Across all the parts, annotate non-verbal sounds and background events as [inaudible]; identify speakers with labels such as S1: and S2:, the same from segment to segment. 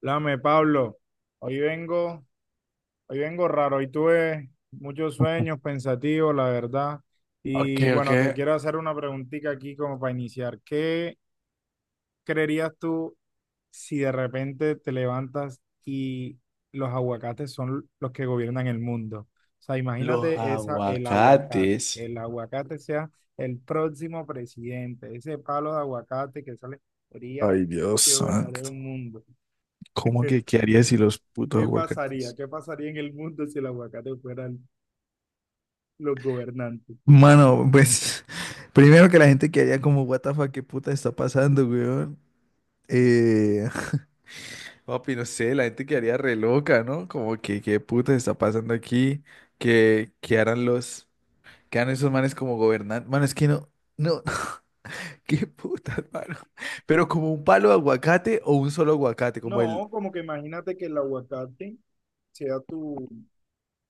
S1: Lame, Pablo, hoy vengo, hoy vengo raro, hoy tuve muchos sueños pensativos, la verdad.
S2: Ok,
S1: Y
S2: ok.
S1: bueno, te quiero hacer una preguntita aquí como para iniciar. ¿Qué creerías tú si de repente te levantas y los aguacates son los que gobiernan el mundo? O sea,
S2: Los
S1: imagínate esa, el aguacate,
S2: aguacates.
S1: el aguacate sea el próximo presidente, ese palo de aguacate que sale, sería
S2: Ay, Dios
S1: que
S2: santo.
S1: gobernaría un mundo.
S2: ¿Cómo que
S1: [laughs]
S2: qué haría si los putos
S1: ¿Qué pasaría?
S2: aguacates?
S1: ¿Qué pasaría en el mundo si el aguacate fueran los gobernantes?
S2: Mano, pues [laughs] primero que la gente que haría como, what the fuck, qué puta está pasando, weón. Eh, [laughs] papi, no sé, la gente quedaría re loca, ¿no? Como que qué puta está pasando aquí, que harán los, que harán esos manes como gobernantes. Mano, es que no, no, [laughs] qué puta, mano. Pero como un palo de aguacate o un solo aguacate, como el,
S1: No, como que imagínate que el aguacate sea tu,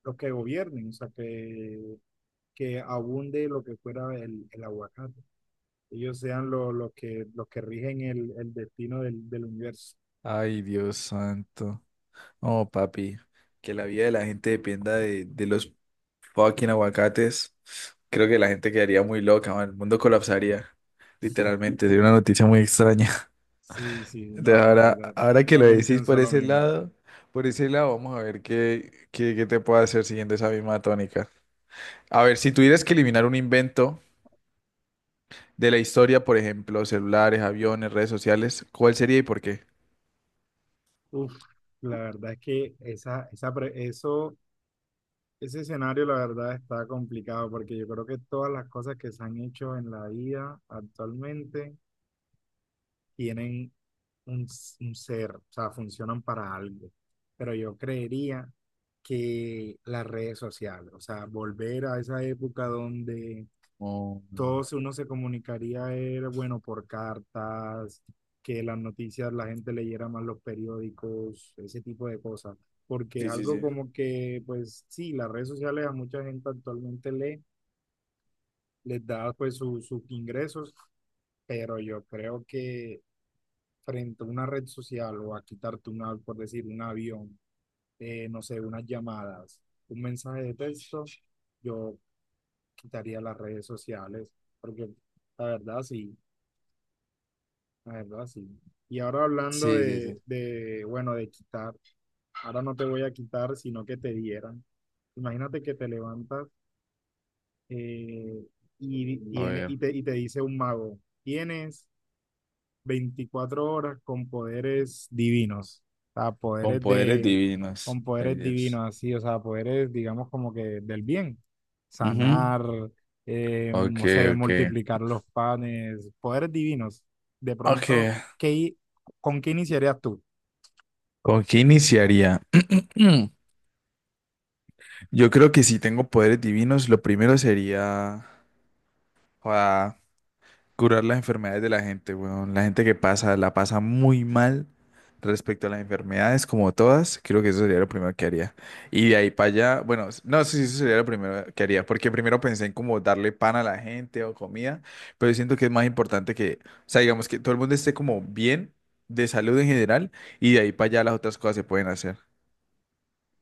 S1: los que gobiernen, o sea, que abunde lo que fuera el aguacate. Ellos sean los que rigen el destino del universo.
S2: ay, Dios santo. Oh, papi, que la vida de la gente dependa de los fucking aguacates. Creo que la gente quedaría muy loca, man. El mundo colapsaría. Literalmente, sería una noticia muy extraña. [laughs]
S1: Sí, sí, no,
S2: Entonces,
S1: no, la
S2: ahora,
S1: verdad.
S2: ahora
S1: Yo
S2: que lo
S1: también
S2: decís
S1: pienso lo mismo.
S2: por ese lado, vamos a ver qué, qué, qué te puedo hacer siguiendo esa misma tónica. A ver, si tuvieras que eliminar un invento de la historia, por ejemplo, celulares, aviones, redes sociales, ¿cuál sería y por qué?
S1: Uf, la verdad es que esa, eso... Ese escenario, la verdad, está complicado porque yo creo que todas las cosas que se han hecho en la IA actualmente tienen un, un ser, o sea, funcionan para algo. Pero yo creería que las redes sociales, o sea, volver a esa época donde
S2: Oh.
S1: uno se comunicaría era, bueno, por cartas, que las noticias la gente leyera más los periódicos, ese tipo de cosas, porque es
S2: Sí, sí,
S1: algo
S2: sí.
S1: como que, pues sí, las redes sociales a mucha gente actualmente lee, les da pues sus ingresos, pero yo creo que frente a una red social o a quitarte una, por decir, un avión, no sé, unas llamadas, un mensaje de texto, yo quitaría las redes sociales, porque la verdad sí, la verdad sí. Y ahora hablando
S2: Sí, sí, sí.
S1: bueno, de quitar, ahora no te voy a quitar, sino que te dieran. Imagínate que te levantas eh, y,
S2: A ver.
S1: y te dice un mago, tienes 24 horas con poderes divinos, o sea,
S2: Con
S1: poderes
S2: poderes
S1: de,
S2: divinos.
S1: con
S2: Ay,
S1: poderes
S2: Dios.
S1: divinos así, o sea, poderes, digamos, como que del bien,
S2: Ujú.
S1: sanar,
S2: Ok,
S1: no sé,
S2: ok.
S1: multiplicar los panes, poderes divinos. De
S2: Ok.
S1: pronto, ¿qué, i- ¿con qué iniciarías tú?
S2: ¿Con qué iniciaría? [clears throat] Yo creo que si tengo poderes divinos, lo primero sería... joda, curar las enfermedades de la gente, weón. La gente que pasa, la pasa muy mal respecto a las enfermedades, como todas, creo que eso sería lo primero que haría. Y de ahí para allá, bueno, s- no sé si eso sería lo primero que haría, porque primero pensé en como darle pan a la gente o comida, pero yo siento que es más importante que, o sea, digamos que todo el mundo esté como bien de salud en general, y de ahí para allá las otras cosas se pueden hacer.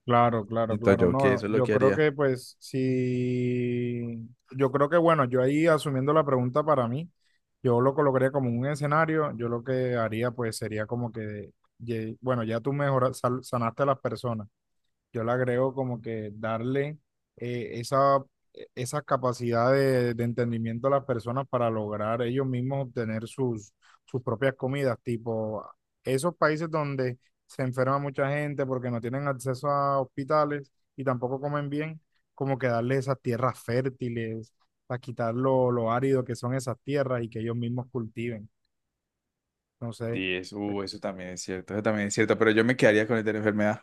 S1: Claro, claro,
S2: Siento
S1: claro.
S2: yo que
S1: No,
S2: eso es lo
S1: yo
S2: que
S1: creo
S2: haría.
S1: que pues sí. Yo creo que bueno, yo ahí asumiendo la pregunta para mí, yo lo colocaría como un escenario, yo lo que haría pues sería como que, bueno, ya tú mejoras, sanaste a las personas, yo le agrego como que darle eh, esa, esa capacidad de entendimiento a las personas para lograr ellos mismos obtener sus, sus propias comidas, tipo esos países donde se enferma mucha gente porque no tienen acceso a hospitales y tampoco comen bien, como que darle esas tierras fértiles, para quitar lo árido que son esas tierras y que ellos mismos cultiven. Entonces
S2: Sí, eso, eso también es cierto, eso también es cierto, pero yo me quedaría con el de la enfermedad.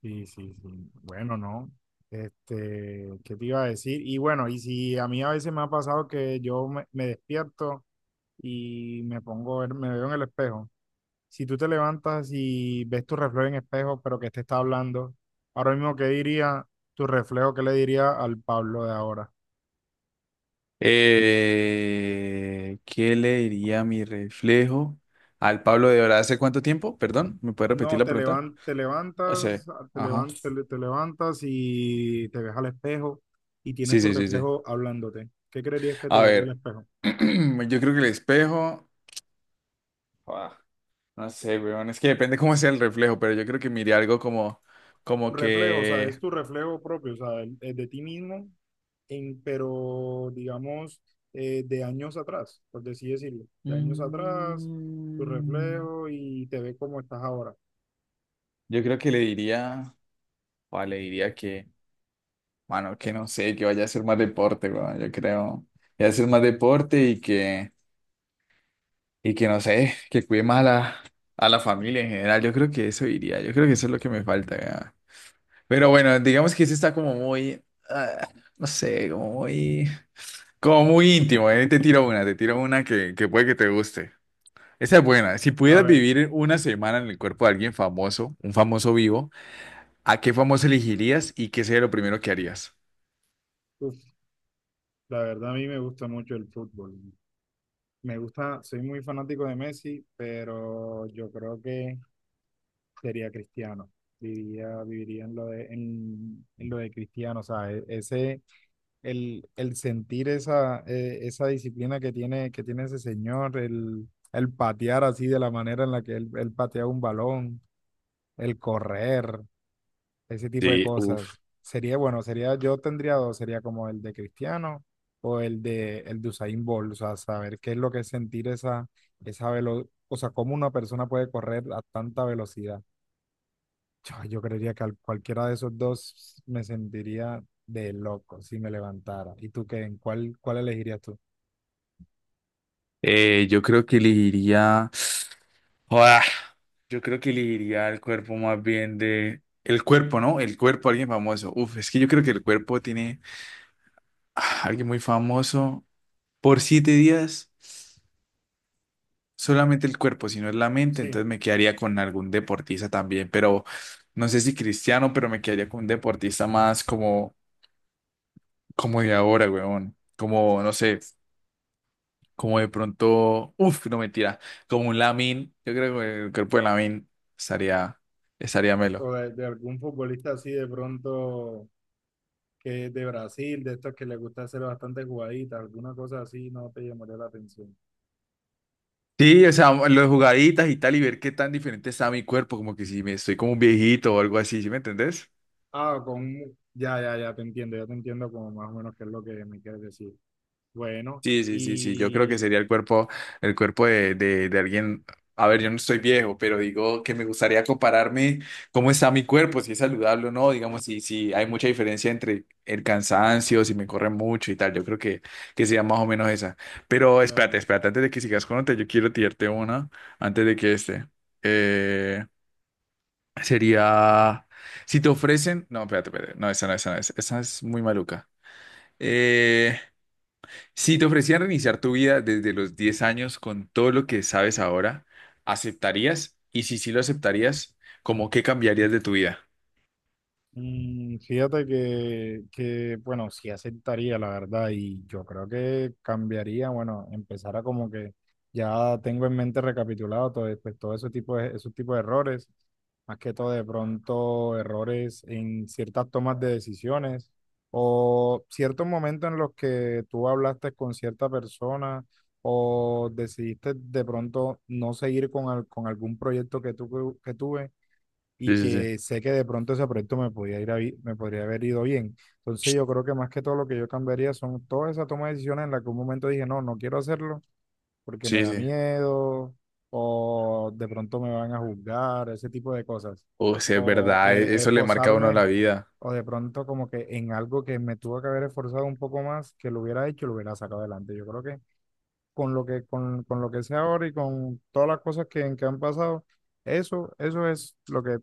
S1: sí, sí, sí. Bueno, no. Este, ¿qué te iba a decir? Y bueno, y si a mí a veces me ha pasado que me despierto y me pongo, me veo en el espejo. Si tú te levantas y ves tu reflejo en espejo, pero que te está hablando, ahora mismo, ¿qué diría tu reflejo? ¿Qué le diría al Pablo de ahora?
S2: ¿Qué le diría mi reflejo al Pablo de ahora? ¿Hace cuánto tiempo? Perdón, ¿me puede repetir
S1: No,
S2: la pregunta?
S1: te
S2: Hace,
S1: levantas,
S2: ajá.
S1: te levantas y te ves al espejo y tienes
S2: Sí,
S1: tu
S2: sí, sí, sí.
S1: reflejo hablándote. ¿Qué creerías que te
S2: A
S1: diría el
S2: ver,
S1: espejo?
S2: [clears throat] yo creo que el espejo, ah, no sé, weón, es que depende cómo sea el reflejo, pero yo creo que miré algo como,
S1: Tu
S2: como
S1: reflejo, o sea,
S2: que,
S1: es tu reflejo propio, o sea, el de ti mismo, en, pero digamos, de años atrás, por así decirlo, de años atrás, tu
S2: mm,
S1: reflejo y te ve como estás ahora.
S2: yo creo que le diría, o le diría que, mano, que no sé, que vaya a hacer más deporte, weón, yo creo, que vaya a hacer más deporte y que, y que no sé, que cuide más a la familia en general. Yo creo que eso iría, yo creo que eso es lo que me falta. Ya. Pero bueno, digamos que eso está como muy, ah, no sé, como muy íntimo. Te tiro una que puede que te guste. Esa es buena. Si
S1: A
S2: pudieras
S1: ver,
S2: vivir una semana en el cuerpo de alguien famoso, un famoso vivo, ¿a qué famoso elegirías y qué sería lo primero que harías?
S1: uf, la verdad a mí me gusta mucho el fútbol. Me gusta, soy muy fanático de Messi, pero yo creo que sería Cristiano. Viviría en lo de Cristiano, o sea, ese el sentir esa, esa disciplina que tiene ese señor, el patear así de la manera en la que él patea un balón, el correr, ese tipo de
S2: Sí, uff.
S1: cosas. Sería, bueno, sería, yo tendría dos, sería como el de Cristiano o el de Usain Bolt, o sea, saber qué es lo que es sentir esa, esa velocidad, o sea, cómo una persona puede correr a tanta velocidad. Yo creería que cualquiera de esos dos me sentiría de loco si me levantara. ¿Y tú qué? ¿En cuál, cuál elegirías tú?
S2: Yo creo que elegiría... [sniffs] Yo creo que elegiría el cuerpo más bien de... El cuerpo, ¿no? El cuerpo, alguien famoso. Uf, es que yo creo que el cuerpo tiene, alguien muy famoso. Por siete días, solamente el cuerpo, si no es la mente,
S1: Sí,
S2: entonces me quedaría con algún deportista también, pero no sé si cristiano, pero me quedaría con un deportista más como, como de ahora, weón. Como, no sé, como de pronto... Uf, no mentira. Como un Lamin. Yo creo que el cuerpo de Lamin estaría, estaría melo.
S1: o de algún futbolista así de pronto que es de Brasil, de estos que les gusta hacer bastante jugaditas, alguna cosa así, no te llamaría la atención.
S2: Sí, o sea, las jugaditas y tal, y ver qué tan diferente está mi cuerpo, como que si me estoy como un viejito o algo así, ¿sí me entendés?
S1: Ah, ya, ya, ya te entiendo como más o menos qué es lo que me quieres decir. Bueno,
S2: Sí, sí, sí, sí, yo creo que
S1: y
S2: sería el cuerpo de alguien, a ver, yo no estoy viejo, pero digo que me gustaría compararme cómo está mi cuerpo, si es saludable o no, digamos, si, si hay mucha diferencia entre el cansancio, si me corre mucho y tal, yo creo que sería más o menos esa. Pero espérate,
S1: claro.
S2: espérate, antes de que sigas con otra, yo quiero tirarte una, antes de que este. eh, Sería, si te ofrecen, no, espérate, espérate, no, esa no, esa no, esa es muy maluca. Eh, si te ofrecieran reiniciar tu vida desde los 10 años con todo lo que sabes ahora, ¿aceptarías? Y si sí lo aceptarías, ¿cómo qué cambiarías de tu vida?
S1: Mm, fíjate que, bueno, sí aceptaría, la verdad, y yo creo que cambiaría, bueno, empezara como que ya tengo en mente recapitulado todo, pues, todo ese tipo de, esos tipos de errores, más que todo de pronto errores en ciertas tomas de decisiones o ciertos momentos en los que tú hablaste con cierta persona o decidiste de pronto no seguir con, con algún proyecto que, tú, que tuve y
S2: Sí, sí, sí.
S1: que sé que de pronto ese proyecto me podía ir a bi- me podría haber ido bien. Entonces yo creo que más que todo lo que yo cambiaría son todas esas tomas de decisiones en las que un momento dije, no, no quiero hacerlo porque me
S2: Sí,
S1: da
S2: sí.
S1: miedo o de pronto me van a juzgar, ese tipo de cosas.
S2: O sea, es
S1: O
S2: verdad, e- eso le marca a uno
S1: esforzarme
S2: la vida.
S1: o de pronto como que en algo que me tuvo que haber esforzado un poco más, que lo hubiera hecho, lo hubiera sacado adelante. Yo creo que con con lo que sé ahora y con todas las cosas que han pasado, eso es lo que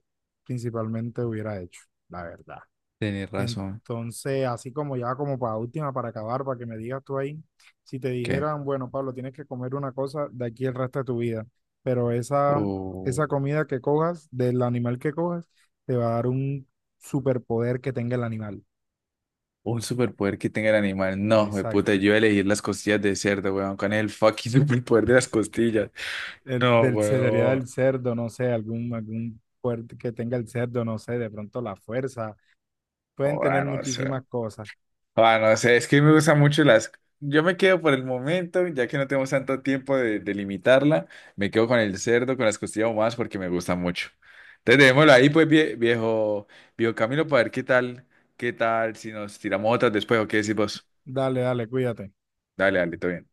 S1: principalmente hubiera hecho, la verdad.
S2: Tienes razón.
S1: Entonces, así como ya como para última, para acabar, para que me digas tú ahí, si te
S2: ¿Qué?
S1: dijeran, bueno, Pablo, tienes que comer una cosa de aquí el resto de tu vida, pero esa,
S2: O
S1: esa comida que cojas, del animal que cojas, te va a dar un superpoder que tenga el animal.
S2: un superpoder que tenga el animal. No, de puta,
S1: Exacto.
S2: yo voy a elegir las costillas de cerdo, weón. ¿Cuál es el fucking [laughs] superpoder de las costillas? No,
S1: Sería
S2: huevo.
S1: del cerdo, no sé, algún, algún fuerte que tenga el cerdo, no sé, de pronto la fuerza. Pueden tener
S2: Ah, no sé.
S1: muchísimas cosas.
S2: Ah, no sé. Es que me gustan mucho las. Yo me quedo por el momento, ya que no tenemos tanto tiempo de limitarla. Me quedo con el cerdo, con las costillas más porque me gusta mucho. Entonces, dejémoslo ahí, pues, vie- viejo, viejo Camilo, para ver qué tal, si nos tiramos otras después o qué decís vos.
S1: Dale, dale, cuídate.
S2: Dale, dale, todo bien.